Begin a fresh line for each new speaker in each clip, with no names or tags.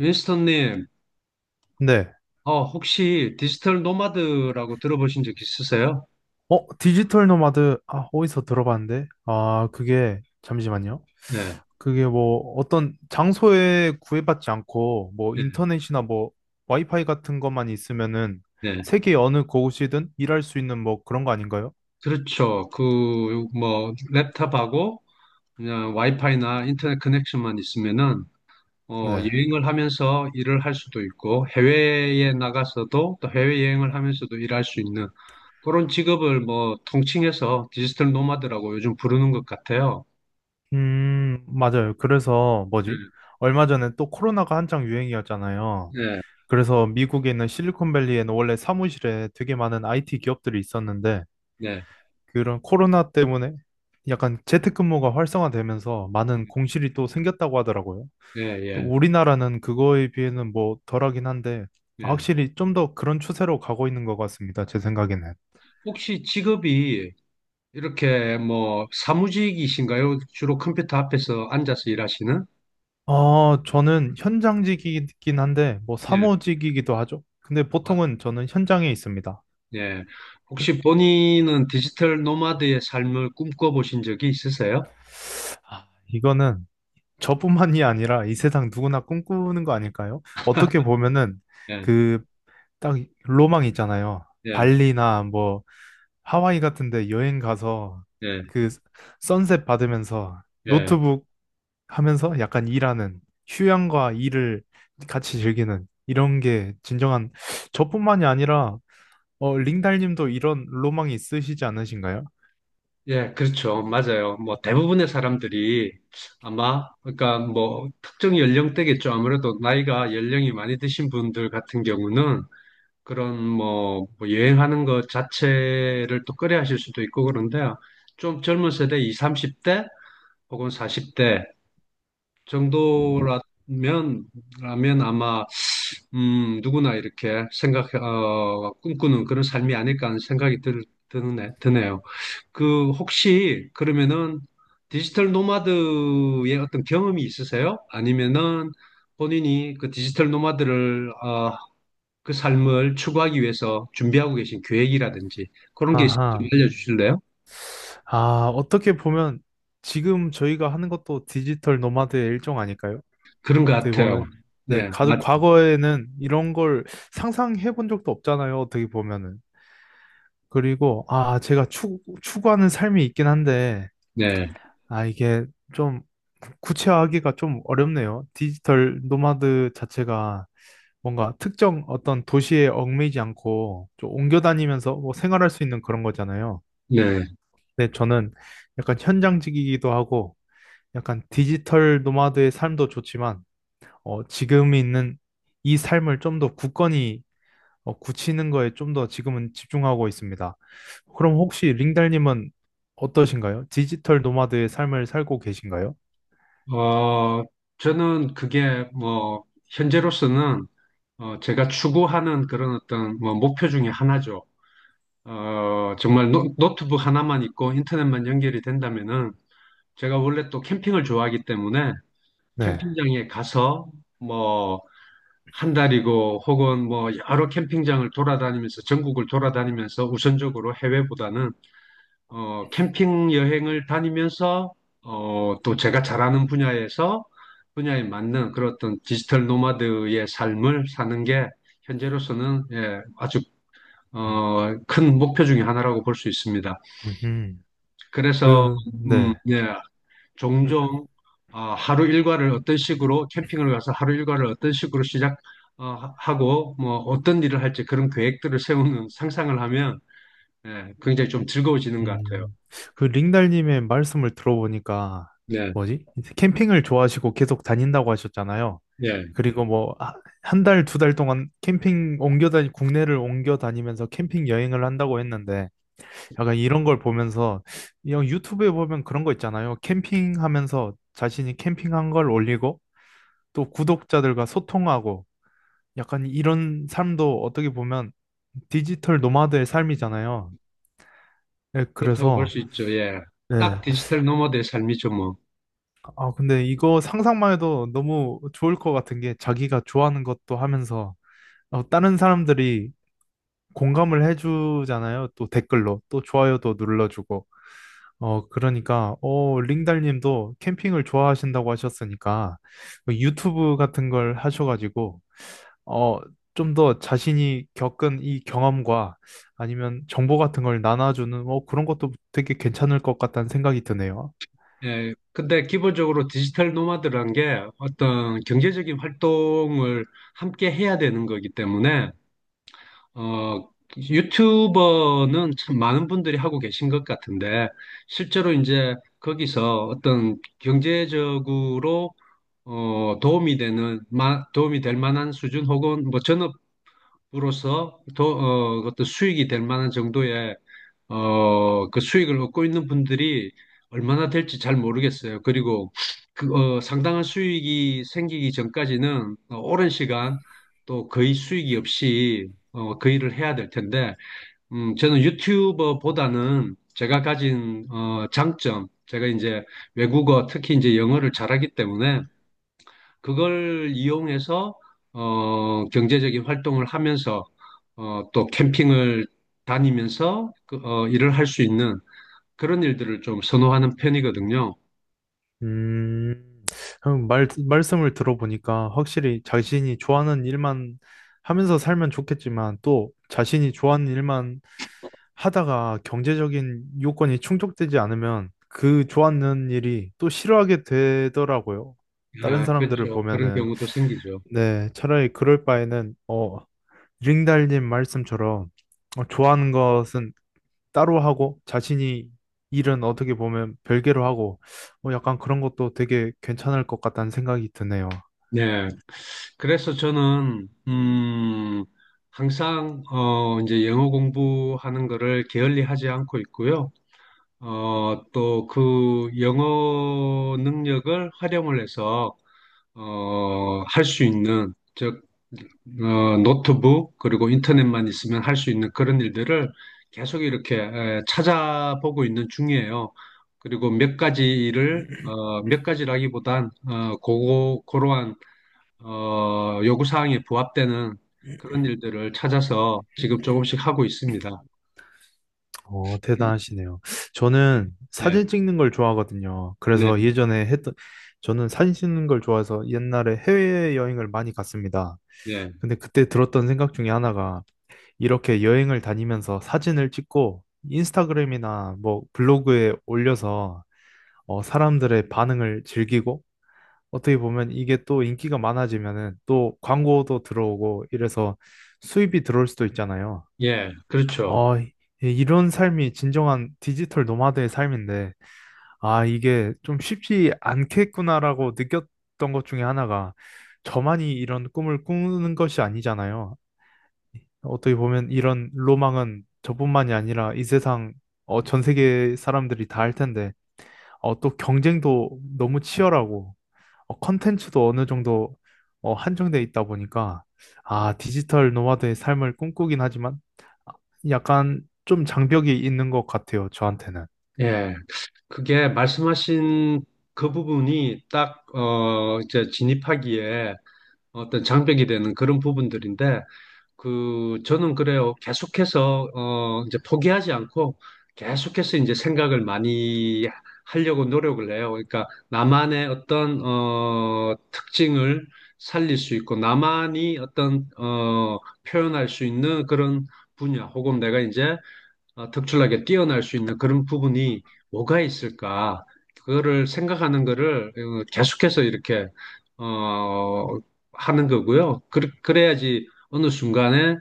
윈스턴님,
네.
혹시 디지털 노마드라고 들어보신 적 있으세요?
디지털 노마드, 아, 어디서 들어봤는데? 아, 그게, 잠시만요.
네,
그게 뭐, 어떤 장소에 구애받지 않고, 뭐,
네,
인터넷이나 뭐, 와이파이 같은 것만 있으면은,
네.
세계 어느 곳이든 일할 수 있는 뭐, 그런 거 아닌가요?
그렇죠. 뭐, 랩탑하고 그냥 와이파이나 인터넷 커넥션만 있으면은,
네.
여행을 하면서 일을 할 수도 있고, 해외에 나가서도 또 해외여행을 하면서도 일할 수 있는 그런 직업을 뭐, 통칭해서 디지털 노마드라고 요즘 부르는 것 같아요.
맞아요. 그래서,
네,
뭐지? 얼마 전에 또 코로나가 한창 유행이었잖아요.
네,
그래서 미국에 있는 실리콘밸리에는 원래 사무실에 되게 많은 IT 기업들이 있었는데,
네,
그런 코로나 때문에 약간 재택근무가 활성화되면서 많은
음,
공실이 또 생겼다고 하더라고요.
네,
또
예,
우리나라는 그거에 비해는 뭐 덜하긴 한데
예. 예.
확실히 좀 더 그런 추세로 가고 있는 것 같습니다. 제 생각에는.
혹시 직업이 이렇게 뭐 사무직이신가요? 주로 컴퓨터 앞에서 앉아서 일하시는?
저는 현장직이긴 한데 뭐
예.
사무직이기도 하죠. 근데
아,
보통은 저는 현장에 있습니다.
예. 혹시 본인은 디지털 노마드의 삶을 꿈꿔보신 적이 있으세요?
아, 이거는 저뿐만이 아니라 이 세상 누구나 꿈꾸는 거 아닐까요? 어떻게 보면은
예.
그 딱 로망 있잖아요.
예.
발리나 뭐 하와이 같은데 여행 가서
예.
그 선셋 받으면서
예.
노트북 하면서 약간 일하는 휴양과 일을 같이 즐기는 이런 게 진정한 저뿐만이 아니라 링달님도 이런 로망이 있으시지 않으신가요?
예, 그렇죠. 맞아요. 뭐 대부분의 사람들이 아마 그러니까 뭐 특정 연령대겠죠. 아무래도 나이가 연령이 많이 드신 분들 같은 경우는 그런 뭐뭐 여행하는 것 자체를 또 꺼려 하실 수도 있고 그런데 좀 젊은 세대 20, 30대 혹은 40대 정도라면 라면 아마 누구나 이렇게 꿈꾸는 그런 삶이 아닐까 하는 생각이 드네요. 혹시 그러면은 디지털 노마드의 어떤 경험이 있으세요? 아니면은 본인이 디지털 노마드를 그 삶을 추구하기 위해서 준비하고 계신 계획이라든지 그런 게 있으면 좀
아하.
알려주실래요?
아, 어떻게 보면 지금 저희가 하는 것도 디지털 노마드의 일종 아닐까요?
그런 것
어떻게
같아요.
보면. 네,
네,
가,
맞,
과거에는 이런 걸 상상해 본 적도 없잖아요. 어떻게 보면은. 그리고, 아, 제가 추, 추구하는 삶이 있긴 한데,
네,
아, 이게 좀 구체화하기가 좀 어렵네요. 디지털 노마드 자체가 뭔가 특정 어떤 도시에 얽매이지 않고 좀 옮겨 다니면서 뭐 생활할 수 있는 그런 거잖아요.
네.
근데 저는 약간 현장직이기도 하고, 약간 디지털 노마드의 삶도 좋지만, 지금 있는 이 삶을 좀 더 굳건히 굳히는 거에 좀 더 지금은 집중하고 있습니다. 그럼 혹시 링달님은 어떠신가요? 디지털 노마드의 삶을 살고 계신가요?
어, 저는 그게 뭐, 현재로서는 제가 추구하는 그런 어떤 뭐 목표 중에 하나죠. 어, 정말 노, 트북 하나만 있고 인터넷만 연결이 된다면은 제가 원래 또 캠핑을 좋아하기 때문에
네.
캠핑장에 가서 뭐, 한 달이고 혹은 뭐 여러 캠핑장을 돌아다니면서 전국을 돌아다니면서 우선적으로 해외보다는 캠핑 여행을 다니면서 또 제가 잘하는 분야에 맞는 그런 어떤 디지털 노마드의 삶을 사는 게 현재로서는 예, 아주 큰 목표 중에 하나라고 볼 수 있습니다.
음흠.
그래서
그,
음,
네.
예, 종종 하루 일과를 어떤 식으로 캠핑을 가서 하루 일과를 어떤 식으로 시작 어, 하- 고 뭐 어떤 일을 할지 그런 계획들을 세우는 상상을 하면 예, 굉장히 좀 즐거워지는 것 같아요.
음, 그 링달님의 말씀을 들어보니까
네,
뭐지? 캠핑을 좋아하시고 계속 다닌다고 하셨잖아요.
예.
그리고 뭐 한 달, 두 달 동안 캠핑 옮겨 다니, 국내를 옮겨 다니면서 캠핑 여행을 한다고 했는데 약간 이런 걸 보면서 이런 유튜브에 보면 그런 거 있잖아요. 캠핑하면서 자신이 캠핑한 걸 올리고 또 구독자들과 소통하고 약간 이런 삶도 어떻게 보면 디지털 노마드의 삶이잖아요. 네,
그렇다고 볼
그래서
수 있죠. 예. 딱
네.
디지털 노마드의 삶이죠, 뭐.
아 근데 이거 상상만 해도 너무 좋을 것 같은 게 자기가 좋아하는 것도 하면서 다른 사람들이 공감을 해주잖아요. 또 댓글로 또 좋아요도 눌러주고 어, 그러니까, 어, 링달님도 캠핑을 좋아하신다고 하셨으니까, 뭐 유튜브 같은 걸 하셔가지고, 어, 좀 더 자신이 겪은 이 경험과 아니면 정보 같은 걸 나눠주는, 어, 그런 것도 되게 괜찮을 것 같다는 생각이 드네요.
예. 근데 기본적으로 디지털 노마드란 게 어떤 경제적인 활동을 함께 해야 되는 거기 때문에, 어, 유튜버는 참 많은 분들이 하고 계신 것 같은데, 실제로 이제 거기서 어떤 경제적으로 도움이 도움이 될 만한 수준 혹은 뭐 전업 로서 더, 어, 어떤 수익이 될 만한 정도의 그 수익을 얻고 있는 분들이 얼마나 될지 잘 모르겠어요. 그리고 상당한 수익이 생기기 전까지는 어, 오랜 시간 또 거의 수익이 없이 그 일을 해야 될 텐데, 저는 유튜버보다는 제가 가진 장점, 제가 이제 외국어, 특히 이제 영어를 잘하기 때문에 그걸 이용해서 경제적인 활동을 하면서 또 캠핑을 다니면서 일을 할 수 있는 그런 일들을 좀 선호하는 편이거든요.
음, 그럼 말, 말씀을 들어보니까 확실히 자신이 좋아하는 일만 하면서 살면 좋겠지만 또 자신이 좋아하는 일만 하다가 경제적인 요건이 충족되지 않으면 그 좋아하는 일이 또 싫어하게 되더라고요. 다른
아,
사람들을
그렇죠. 그런
보면은,
경우도 생기죠.
네, 차라리 그럴 바에는, 어, 링달님 말씀처럼 좋아하는 것은 따로 하고 자신이 일은 어떻게 보면 별개로 하고 뭐 약간 그런 것도 되게 괜찮을 것 같다는 생각이 드네요.
네. 그래서 저는, 항상, 이제 영어 공부하는 거를 게을리 하지 않고 있고요. 또 그 영어 능력을 활용을 해서, 할 수 있는, 노트북 그리고 인터넷만 있으면 할 수 있는 그런 일들을 계속 이렇게 찾아보고 있는 중이에요. 그리고 몇 가지라기보단 어, 고고 고러한 요구 사항에 부합되는 그런 일들을 찾아서 지금 조금씩 하고 있습니다.
대단하시네요. 저는
예, 네,
사진 찍는 걸 좋아하거든요.
네,
그래서 예전에 했던, 저는 사진 찍는 걸 좋아해서 옛날에 해외여행을 많이 갔습니다.
네,
근데 그때 들었던 생각 중에 하나가 이렇게 여행을 다니면서 사진을 찍고 인스타그램이나 뭐 블로그에 올려서 사람들의 반응을 즐기고 어떻게 보면 이게 또 인기가 많아지면은 또 광고도 들어오고 이래서 수입이 들어올 수도 있잖아요.
예, 그렇죠.
어, 이- 이런 삶이 진정한 디지털 노마드의 삶인데, 아, 이게 좀 쉽지 않겠구나라고 느꼈던 것 중에 하나가 저만이 이런 꿈을 꾸는 것이 아니잖아요. 어떻게 보면 이런 로망은 저뿐만이 아니라 이 세상, 전 세계 사람들이 다 할 텐데, 또 경쟁도 너무 치열하고, 컨텐츠도 어느 정도 한정돼 있다 보니까 아, 디지털 노마드의 삶을 꿈꾸긴 하지만 약간 좀 장벽이 있는 것 같아요, 저한테는.
예, 그게 말씀하신 그 부분이 딱, 이제 진입하기에 어떤 장벽이 되는 그런 부분들인데 그 저는 그래요. 계속해서 이제 포기하지 않고 계속해서 이제 생각을 많이 하려고 노력을 해요. 그러니까 나만의 어떤 특징을 살릴 수 있고 나만이 어떤 표현할 수 있는 그런 분야 혹은 내가 이제 특출나게 뛰어날 수 있는 그런 부분이 뭐가 있을까? 그거를 생각하는 거를 계속해서 이렇게 어, 하는 거고요. 그래야지 어느 순간에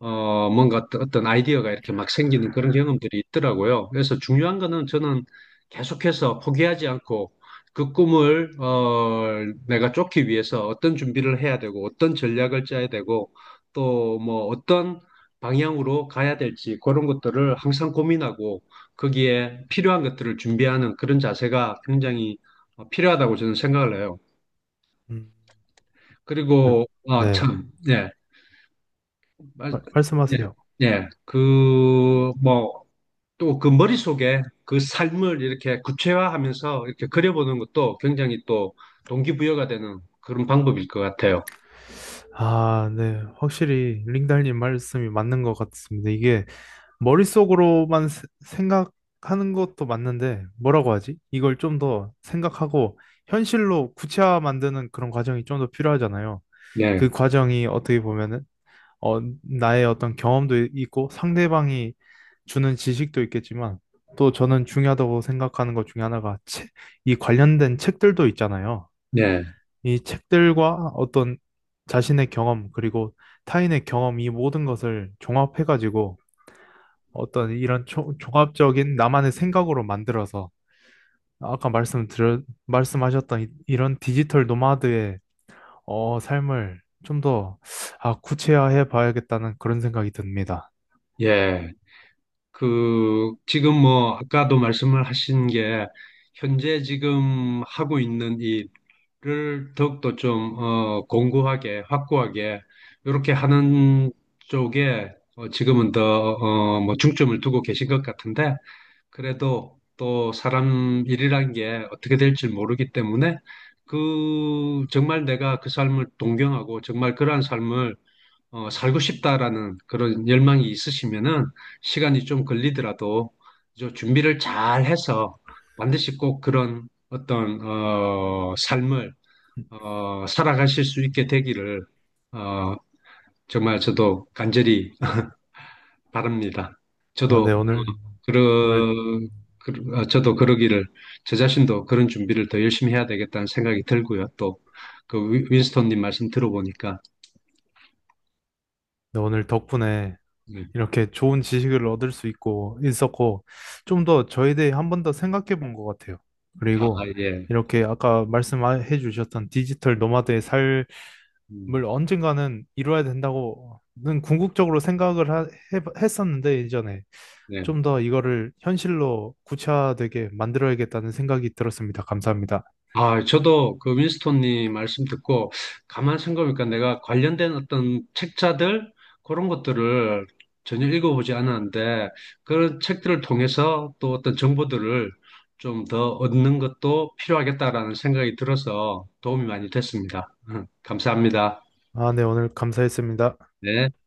뭔가 어떤 아이디어가 이렇게 막 생기는 그런 경험들이 있더라고요. 그래서 중요한 거는 저는 계속해서 포기하지 않고 그 꿈을 내가 쫓기 위해서 어떤 준비를 해야 되고 어떤 전략을 짜야 되고 또 뭐 어떤 방향으로 가야 될지 그런 것들을 항상 고민하고 거기에 필요한 것들을 준비하는 그런 자세가 굉장히 필요하다고 저는 생각을 해요.
음, 네.
그리고 아,
네.
참, 예, 말- 예,
말씀하세요.
예, 그 뭐 또 그 머릿속에 그 삶을 이렇게 구체화하면서 이렇게 그려보는 것도 굉장히 또 동기부여가 되는 그런 방법일 것 같아요.
아, 네. 확실히 링달님 말씀이 맞는 것 같습니다. 이게 머릿속으로만 생각하는 것도 맞는데 뭐라고 하지? 이걸 좀 더 생각하고 현실로 구체화 만드는 그런 과정이 좀 더 필요하잖아요.
예,
그 과정이 어떻게 보면은 나의 어떤 경험도 있고 상대방이 주는 지식도 있겠지만 또 저는 중요하다고 생각하는 것 중에 하나가 책, 이 관련된 책들도 있잖아요.
예,
이 책들과 어떤 자신의 경험 그리고 타인의 경험 이 모든 것을 종합해가지고 어떤 이런 종합적인 나만의 생각으로 만들어서 아까 말씀하셨던 이런 디지털 노마드의 삶을 좀 더 아, 구체화해 봐야겠다는 그런 생각이 듭니다.
예. 지금 뭐 아까도 말씀을 하신 게 현재 지금 하고 있는 일을 더욱더 좀 공고하게 확고하게 이렇게 하는 쪽에 지금은 더 뭐 중점을 두고 계신 것 같은데 그래도 또 사람 일이란 게 어떻게 될지 모르기 때문에 그 정말 내가 그 삶을 동경하고 정말 그러한 삶을 살고 싶다라는 그런 열망이 있으시면은 시간이 좀 걸리더라도 저 준비를 잘 해서 반드시 꼭 그런 어떤 삶을 살아가실 수 있게 되기를 어, 정말 저도 간절히 바랍니다.
아,
저도 어,
네, 오늘,
그러,
오늘,
그, 어, 저도 그러기를 저 자신도 그런 준비를 더 열심히 해야 되겠다는 생각이 들고요. 또 그 윈스톤님 말씀 들어보니까
네, 오늘 덕분에
예.
이렇게 좋은 지식을 얻을 수 있고, 있었고, 좀 더 저에 대해 한 번 더 생각해 본 것 같아요.
아
그리고
예.
이렇게 아까 말씀해 주셨던 디지털 노마드의 삶을
음,
언젠가는 이루어야 된다고는 궁극적으로 했었는데, 예전에
네.
좀 더 이거를 현실로 구체화되게 만들어야겠다는 생각이 들었습니다. 감사합니다.
아, 저도 그 윈스톤님 말씀 듣고 가만 생각해보니까 내가 관련된 어떤 책자들 그런 것들을 전혀 읽어보지 않았는데 그런 책들을 통해서 또 어떤 정보들을 좀 더 얻는 것도 필요하겠다라는 생각이 들어서 도움이 많이 됐습니다. 감사합니다.
아, 네, 오늘 감사했습니다.
네.